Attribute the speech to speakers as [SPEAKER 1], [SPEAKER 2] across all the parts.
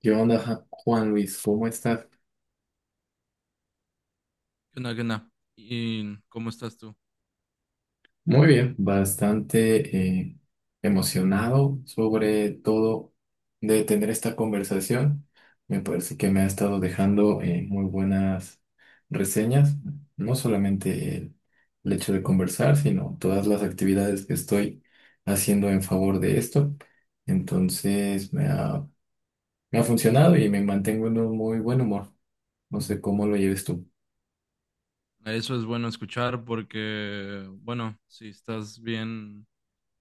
[SPEAKER 1] ¿Qué onda, Juan Luis? ¿Cómo estás?
[SPEAKER 2] ¿Qué onda, qué onda? ¿Y cómo estás tú?
[SPEAKER 1] Muy bien, bastante emocionado sobre todo de tener esta conversación. Me parece que me ha estado dejando muy buenas reseñas, no solamente el hecho de conversar, sino todas las actividades que estoy haciendo en favor de esto. Entonces me ha funcionado y me mantengo en un muy buen humor. No sé cómo lo lleves tú.
[SPEAKER 2] Eso es bueno escuchar porque, bueno, si estás bien,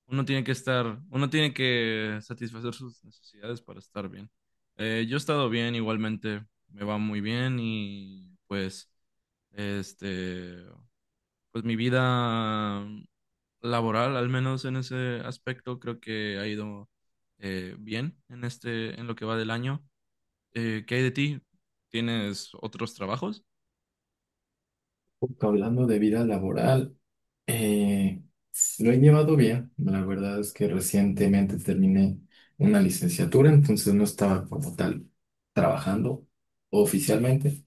[SPEAKER 2] uno tiene que satisfacer sus necesidades para estar bien. Yo he estado bien igualmente, me va muy bien y este, pues mi vida laboral, al menos en ese aspecto, creo que ha ido bien en este, en lo que va del año. ¿Qué hay de ti? ¿Tienes otros trabajos?
[SPEAKER 1] Hablando de vida laboral. Eh, lo he llevado bien. La verdad es que recientemente terminé una licenciatura, entonces no estaba como tal trabajando oficialmente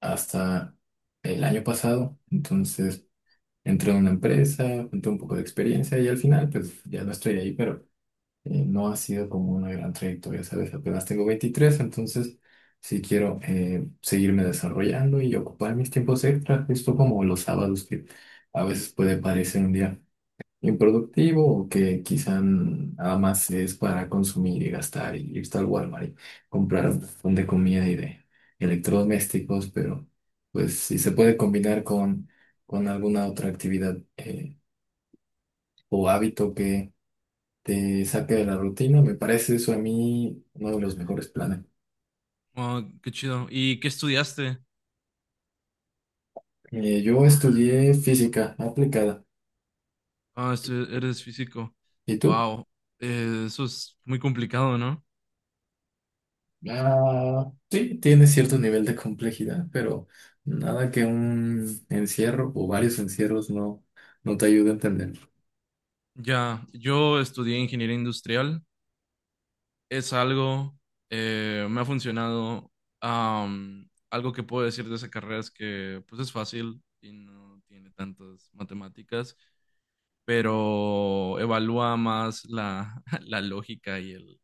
[SPEAKER 1] hasta el año pasado. Entonces entré en una empresa, junté un poco de experiencia y al final pues ya no estoy ahí, pero no ha sido como una gran trayectoria, ¿sabes? Apenas tengo 23, entonces sí quiero seguirme desarrollando y ocupar mis tiempos extras, justo como los sábados que... A veces puede parecer un día improductivo o que quizá nada más es para consumir y gastar y irse al Walmart y comprar un montón de comida y de electrodomésticos, pero pues si se puede combinar con alguna otra actividad o hábito que te saque de la rutina, me parece eso a mí uno de los mejores planes.
[SPEAKER 2] Oh, qué chido. ¿Y qué estudiaste?
[SPEAKER 1] Yo estudié física aplicada.
[SPEAKER 2] Ah, eres físico.
[SPEAKER 1] ¿Y tú?
[SPEAKER 2] Wow, eso es muy complicado, ¿no?
[SPEAKER 1] Ah, sí, tiene cierto nivel de complejidad, pero nada que un encierro o varios encierros no te ayude a entender.
[SPEAKER 2] Ya, yo estudié ingeniería industrial. Es algo, me ha funcionado. Algo que puedo decir de esa carrera es que, pues, es fácil y no tiene tantas matemáticas, pero evalúa más la lógica y el,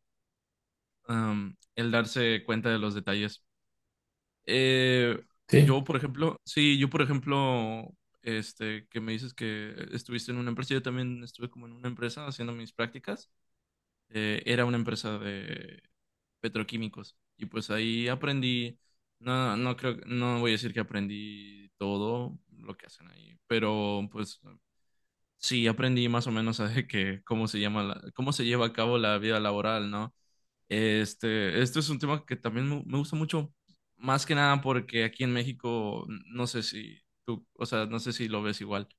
[SPEAKER 2] am, el darse cuenta de los detalles. Eh,
[SPEAKER 1] Sí,
[SPEAKER 2] yo, por ejemplo, que me dices que estuviste en una empresa, yo también estuve como en una empresa haciendo mis prácticas. Era una empresa de petroquímicos y pues ahí aprendí. No creo, no voy a decir que aprendí todo lo que hacen ahí, pero pues sí, aprendí más o menos a de que cómo se llama la- cómo se lleva a cabo la vida laboral, ¿no? Este, esto es un tema que también me gusta mucho, más que nada porque aquí en México, no sé si tú, o sea, no sé si lo ves igual,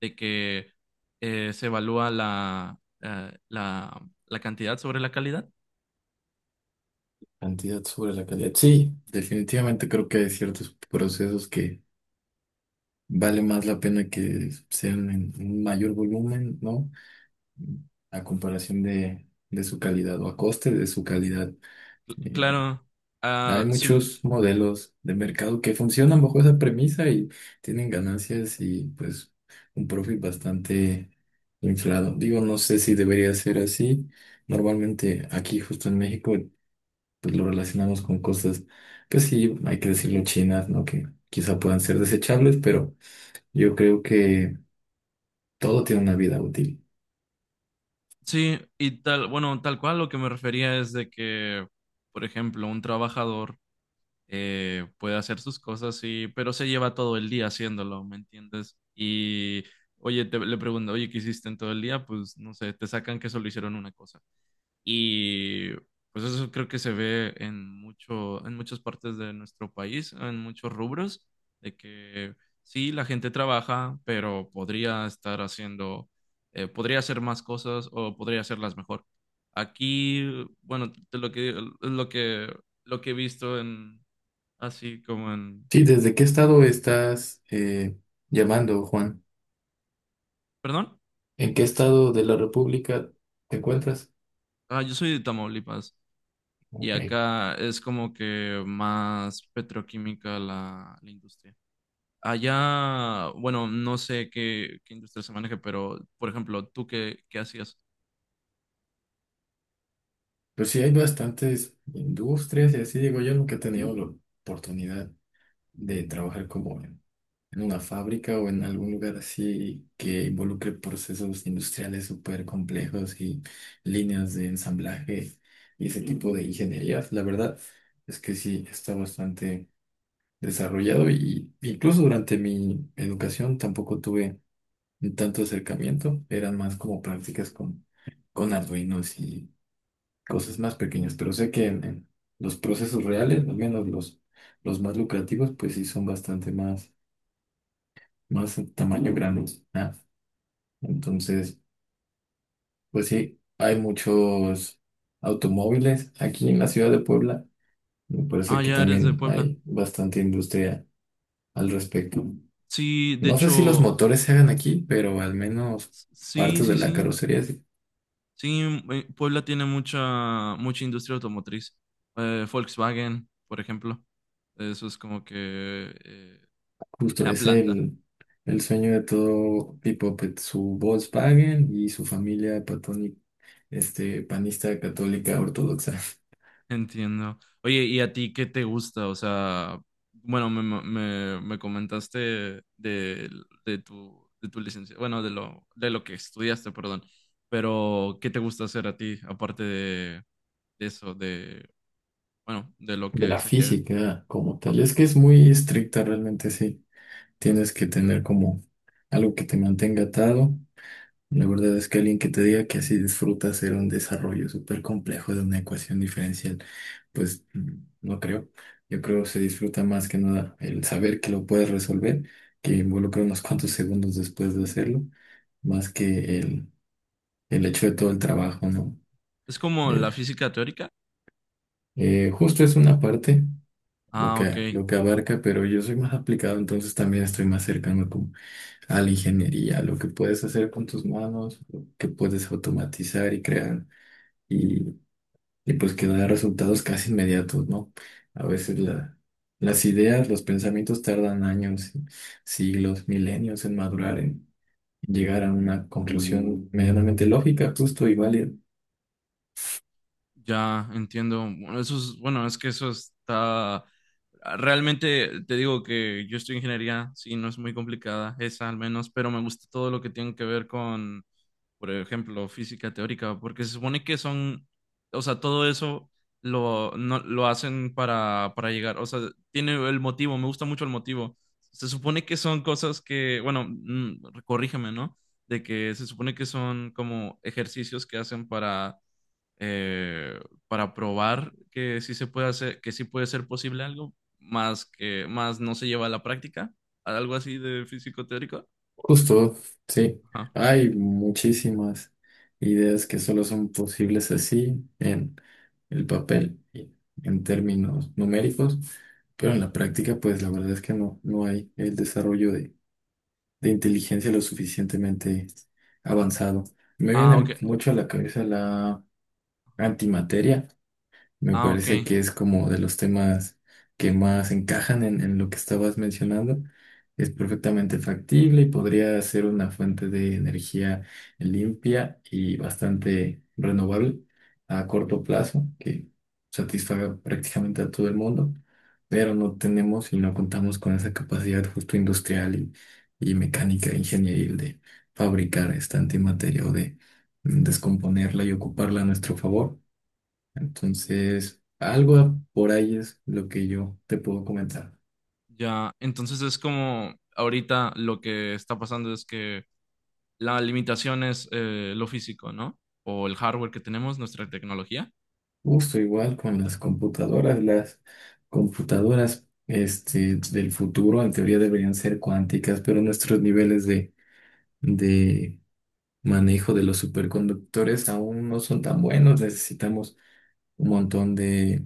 [SPEAKER 2] de que se evalúa la cantidad sobre la calidad.
[SPEAKER 1] cantidad sobre la calidad. Sí, definitivamente creo que hay ciertos procesos que vale más la pena que sean en un mayor volumen, ¿no? A comparación de su calidad o a coste de su calidad. Eh,
[SPEAKER 2] Claro,
[SPEAKER 1] Hay
[SPEAKER 2] ah, sí,
[SPEAKER 1] muchos modelos de mercado que funcionan bajo esa premisa y tienen ganancias y pues un profit bastante inflado. Digo, no sé si debería ser así. Normalmente aquí justo en México pues lo relacionamos con cosas, pues sí, hay que decirlo chinas, ¿no? Que quizá puedan ser desechables, pero yo creo que todo tiene una vida útil.
[SPEAKER 2] sí, y tal, bueno, tal cual lo que me refería es de que, por ejemplo, un trabajador puede hacer sus cosas, y, pero se lleva todo el día haciéndolo, ¿me entiendes? Y, oye, le pregunto, oye, ¿qué hiciste en todo el día? Pues, no sé, te sacan que solo hicieron una cosa. Y, pues eso creo que se ve en mucho, en muchas partes de nuestro país, en muchos rubros, de que sí, la gente trabaja, pero podría estar haciendo, podría hacer más cosas o podría hacerlas mejor. Aquí, bueno, de lo que, lo que, lo que he visto en, así como en…
[SPEAKER 1] Sí, ¿desde qué estado estás
[SPEAKER 2] Ujú.
[SPEAKER 1] llamando, Juan?
[SPEAKER 2] ¿Perdón?
[SPEAKER 1] ¿En qué estado de la República te encuentras?
[SPEAKER 2] Ah, yo soy de Tamaulipas y
[SPEAKER 1] Ok.
[SPEAKER 2] acá es como que más petroquímica la industria. Allá, bueno, no sé qué industria se maneja, pero, por ejemplo, ¿tú qué hacías?
[SPEAKER 1] Pues sí, hay bastantes industrias y así digo, yo nunca he tenido la oportunidad de trabajar como en una fábrica o en algún lugar así que involucre procesos industriales súper complejos y líneas de ensamblaje y ese tipo de ingenierías. La verdad es que sí, está bastante desarrollado y incluso durante mi educación tampoco tuve tanto acercamiento, eran más como prácticas con Arduinos y cosas más pequeñas, pero sé que en los procesos reales, al menos los más lucrativos, pues sí son bastante más, más en tamaño grandes. ¿Ah? Entonces, pues sí, hay muchos automóviles aquí en la ciudad de Puebla. Me parece
[SPEAKER 2] Ah,
[SPEAKER 1] que
[SPEAKER 2] ya eres de
[SPEAKER 1] también
[SPEAKER 2] Puebla.
[SPEAKER 1] hay bastante industria al respecto.
[SPEAKER 2] Sí, de
[SPEAKER 1] No sé si los
[SPEAKER 2] hecho,
[SPEAKER 1] motores se hagan aquí, pero al menos
[SPEAKER 2] sí,
[SPEAKER 1] partes de
[SPEAKER 2] sí,
[SPEAKER 1] la
[SPEAKER 2] sí.
[SPEAKER 1] carrocería, sí.
[SPEAKER 2] Sí, Puebla tiene mucha industria automotriz. Volkswagen, por ejemplo. Eso es como que eh,
[SPEAKER 1] Justo
[SPEAKER 2] la
[SPEAKER 1] es
[SPEAKER 2] planta.
[SPEAKER 1] el... El sueño de todo Pipopet, su Volkswagen y su familia este, panista católica ortodoxa,
[SPEAKER 2] Entiendo. Oye, ¿y a ti qué te gusta? O sea, bueno, me comentaste de, de tu licencia, bueno, de lo que estudiaste, perdón, pero ¿qué te gusta hacer a ti aparte de eso, de, bueno, de lo
[SPEAKER 1] de
[SPEAKER 2] que
[SPEAKER 1] la
[SPEAKER 2] saqué?
[SPEAKER 1] física como tal.
[SPEAKER 2] No,
[SPEAKER 1] Es que es muy estricta realmente, sí. Tienes que tener como algo que te mantenga atado. La verdad es que alguien que te diga que así disfrutas hacer un desarrollo súper complejo de una ecuación diferencial, pues no creo. Yo creo que se disfruta más que nada el saber que lo puedes resolver, que involucra unos cuantos segundos después de hacerlo más que el hecho de todo el trabajo, ¿no?
[SPEAKER 2] es como
[SPEAKER 1] Eh,
[SPEAKER 2] la física teórica.
[SPEAKER 1] justo es una parte,
[SPEAKER 2] Ah, ok.
[SPEAKER 1] lo que abarca, pero yo soy más aplicado, entonces también estoy más cercano como a la ingeniería, a lo que puedes hacer con tus manos, lo que puedes automatizar y crear, y, y pues que da resultados casi inmediatos, ¿no? A veces las ideas, los pensamientos tardan años, siglos, milenios en madurar, en llegar a una conclusión medianamente lógica, justo y válida.
[SPEAKER 2] Ya, entiendo. Bueno, eso es, bueno, es que eso está realmente te digo que yo estoy en ingeniería, sí, no es muy complicada, esa al menos, pero me gusta todo lo que tiene que ver con, por ejemplo, física teórica, porque se supone que son, o sea, todo eso lo, no, lo hacen para llegar, o sea, tiene el motivo, me gusta mucho el motivo. Se supone que son cosas que, bueno, mm, corrígeme, ¿no? De que se supone que son como ejercicios que hacen eh, para probar que sí se puede hacer, que sí puede ser posible algo, más que más no se lleva a la práctica, algo así de físico teórico.
[SPEAKER 1] Justo, sí.
[SPEAKER 2] Ajá.
[SPEAKER 1] Hay muchísimas ideas que solo son posibles así en el papel y en términos numéricos, pero en la práctica, pues la verdad es que no, no hay el desarrollo de inteligencia lo suficientemente avanzado. Me viene
[SPEAKER 2] Ah, ok.
[SPEAKER 1] mucho a la cabeza la
[SPEAKER 2] Ajá.
[SPEAKER 1] antimateria. Me
[SPEAKER 2] Ah, ok.
[SPEAKER 1] parece que es como de los temas que más encajan en lo que estabas mencionando. Es perfectamente factible y podría ser una fuente de energía limpia y bastante renovable a corto plazo, que satisfaga prácticamente a todo el mundo, pero no tenemos y no contamos con esa capacidad justo industrial y mecánica, ingenieril de fabricar esta antimateria o de descomponerla y ocuparla a nuestro favor. Entonces, algo por ahí es lo que yo te puedo comentar.
[SPEAKER 2] Ya. Entonces es como ahorita lo que está pasando es que la limitación es lo físico, ¿no? O el hardware que tenemos, nuestra tecnología.
[SPEAKER 1] Justo igual con las computadoras este, del futuro en teoría deberían ser cuánticas, pero nuestros niveles de manejo de los superconductores aún no son tan buenos. Necesitamos un montón de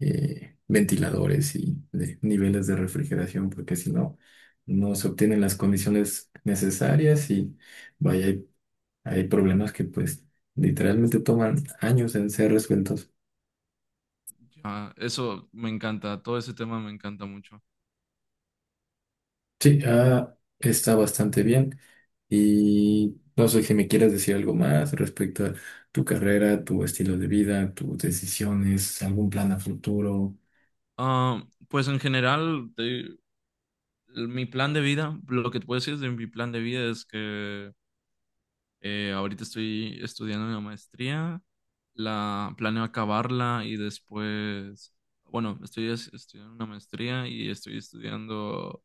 [SPEAKER 1] ventiladores y de niveles de refrigeración, porque si no, no se obtienen las condiciones necesarias y vaya, hay problemas que pues literalmente toman años en ser resueltos.
[SPEAKER 2] Ya, eso me encanta, todo ese tema me encanta mucho.
[SPEAKER 1] Sí, ah, está bastante bien. Y no sé si me quieres decir algo más respecto a tu carrera, tu estilo de vida, tus decisiones, algún plan a futuro.
[SPEAKER 2] Ah, pues en general, mi plan de vida, lo que te puedo decir de mi plan de vida es que ahorita estoy estudiando una maestría, la planeo acabarla y después, bueno, estoy estudiando una maestría y estoy estudiando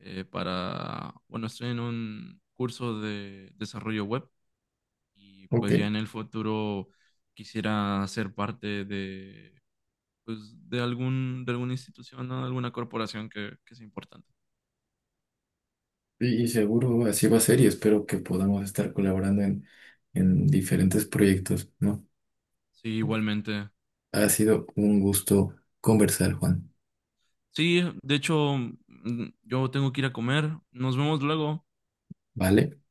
[SPEAKER 2] para, bueno, estoy en un curso de desarrollo web y
[SPEAKER 1] Ok,
[SPEAKER 2] pues ya en el futuro quisiera ser parte de, pues, de algún, de alguna institución, ¿no? Alguna corporación que sea importante.
[SPEAKER 1] y seguro así va a ser y espero que podamos estar colaborando en diferentes proyectos, ¿no?
[SPEAKER 2] Sí, igualmente.
[SPEAKER 1] Ha sido un gusto conversar, Juan,
[SPEAKER 2] Sí, de hecho, mm, yo tengo que ir a comer. Nos vemos luego.
[SPEAKER 1] ¿vale?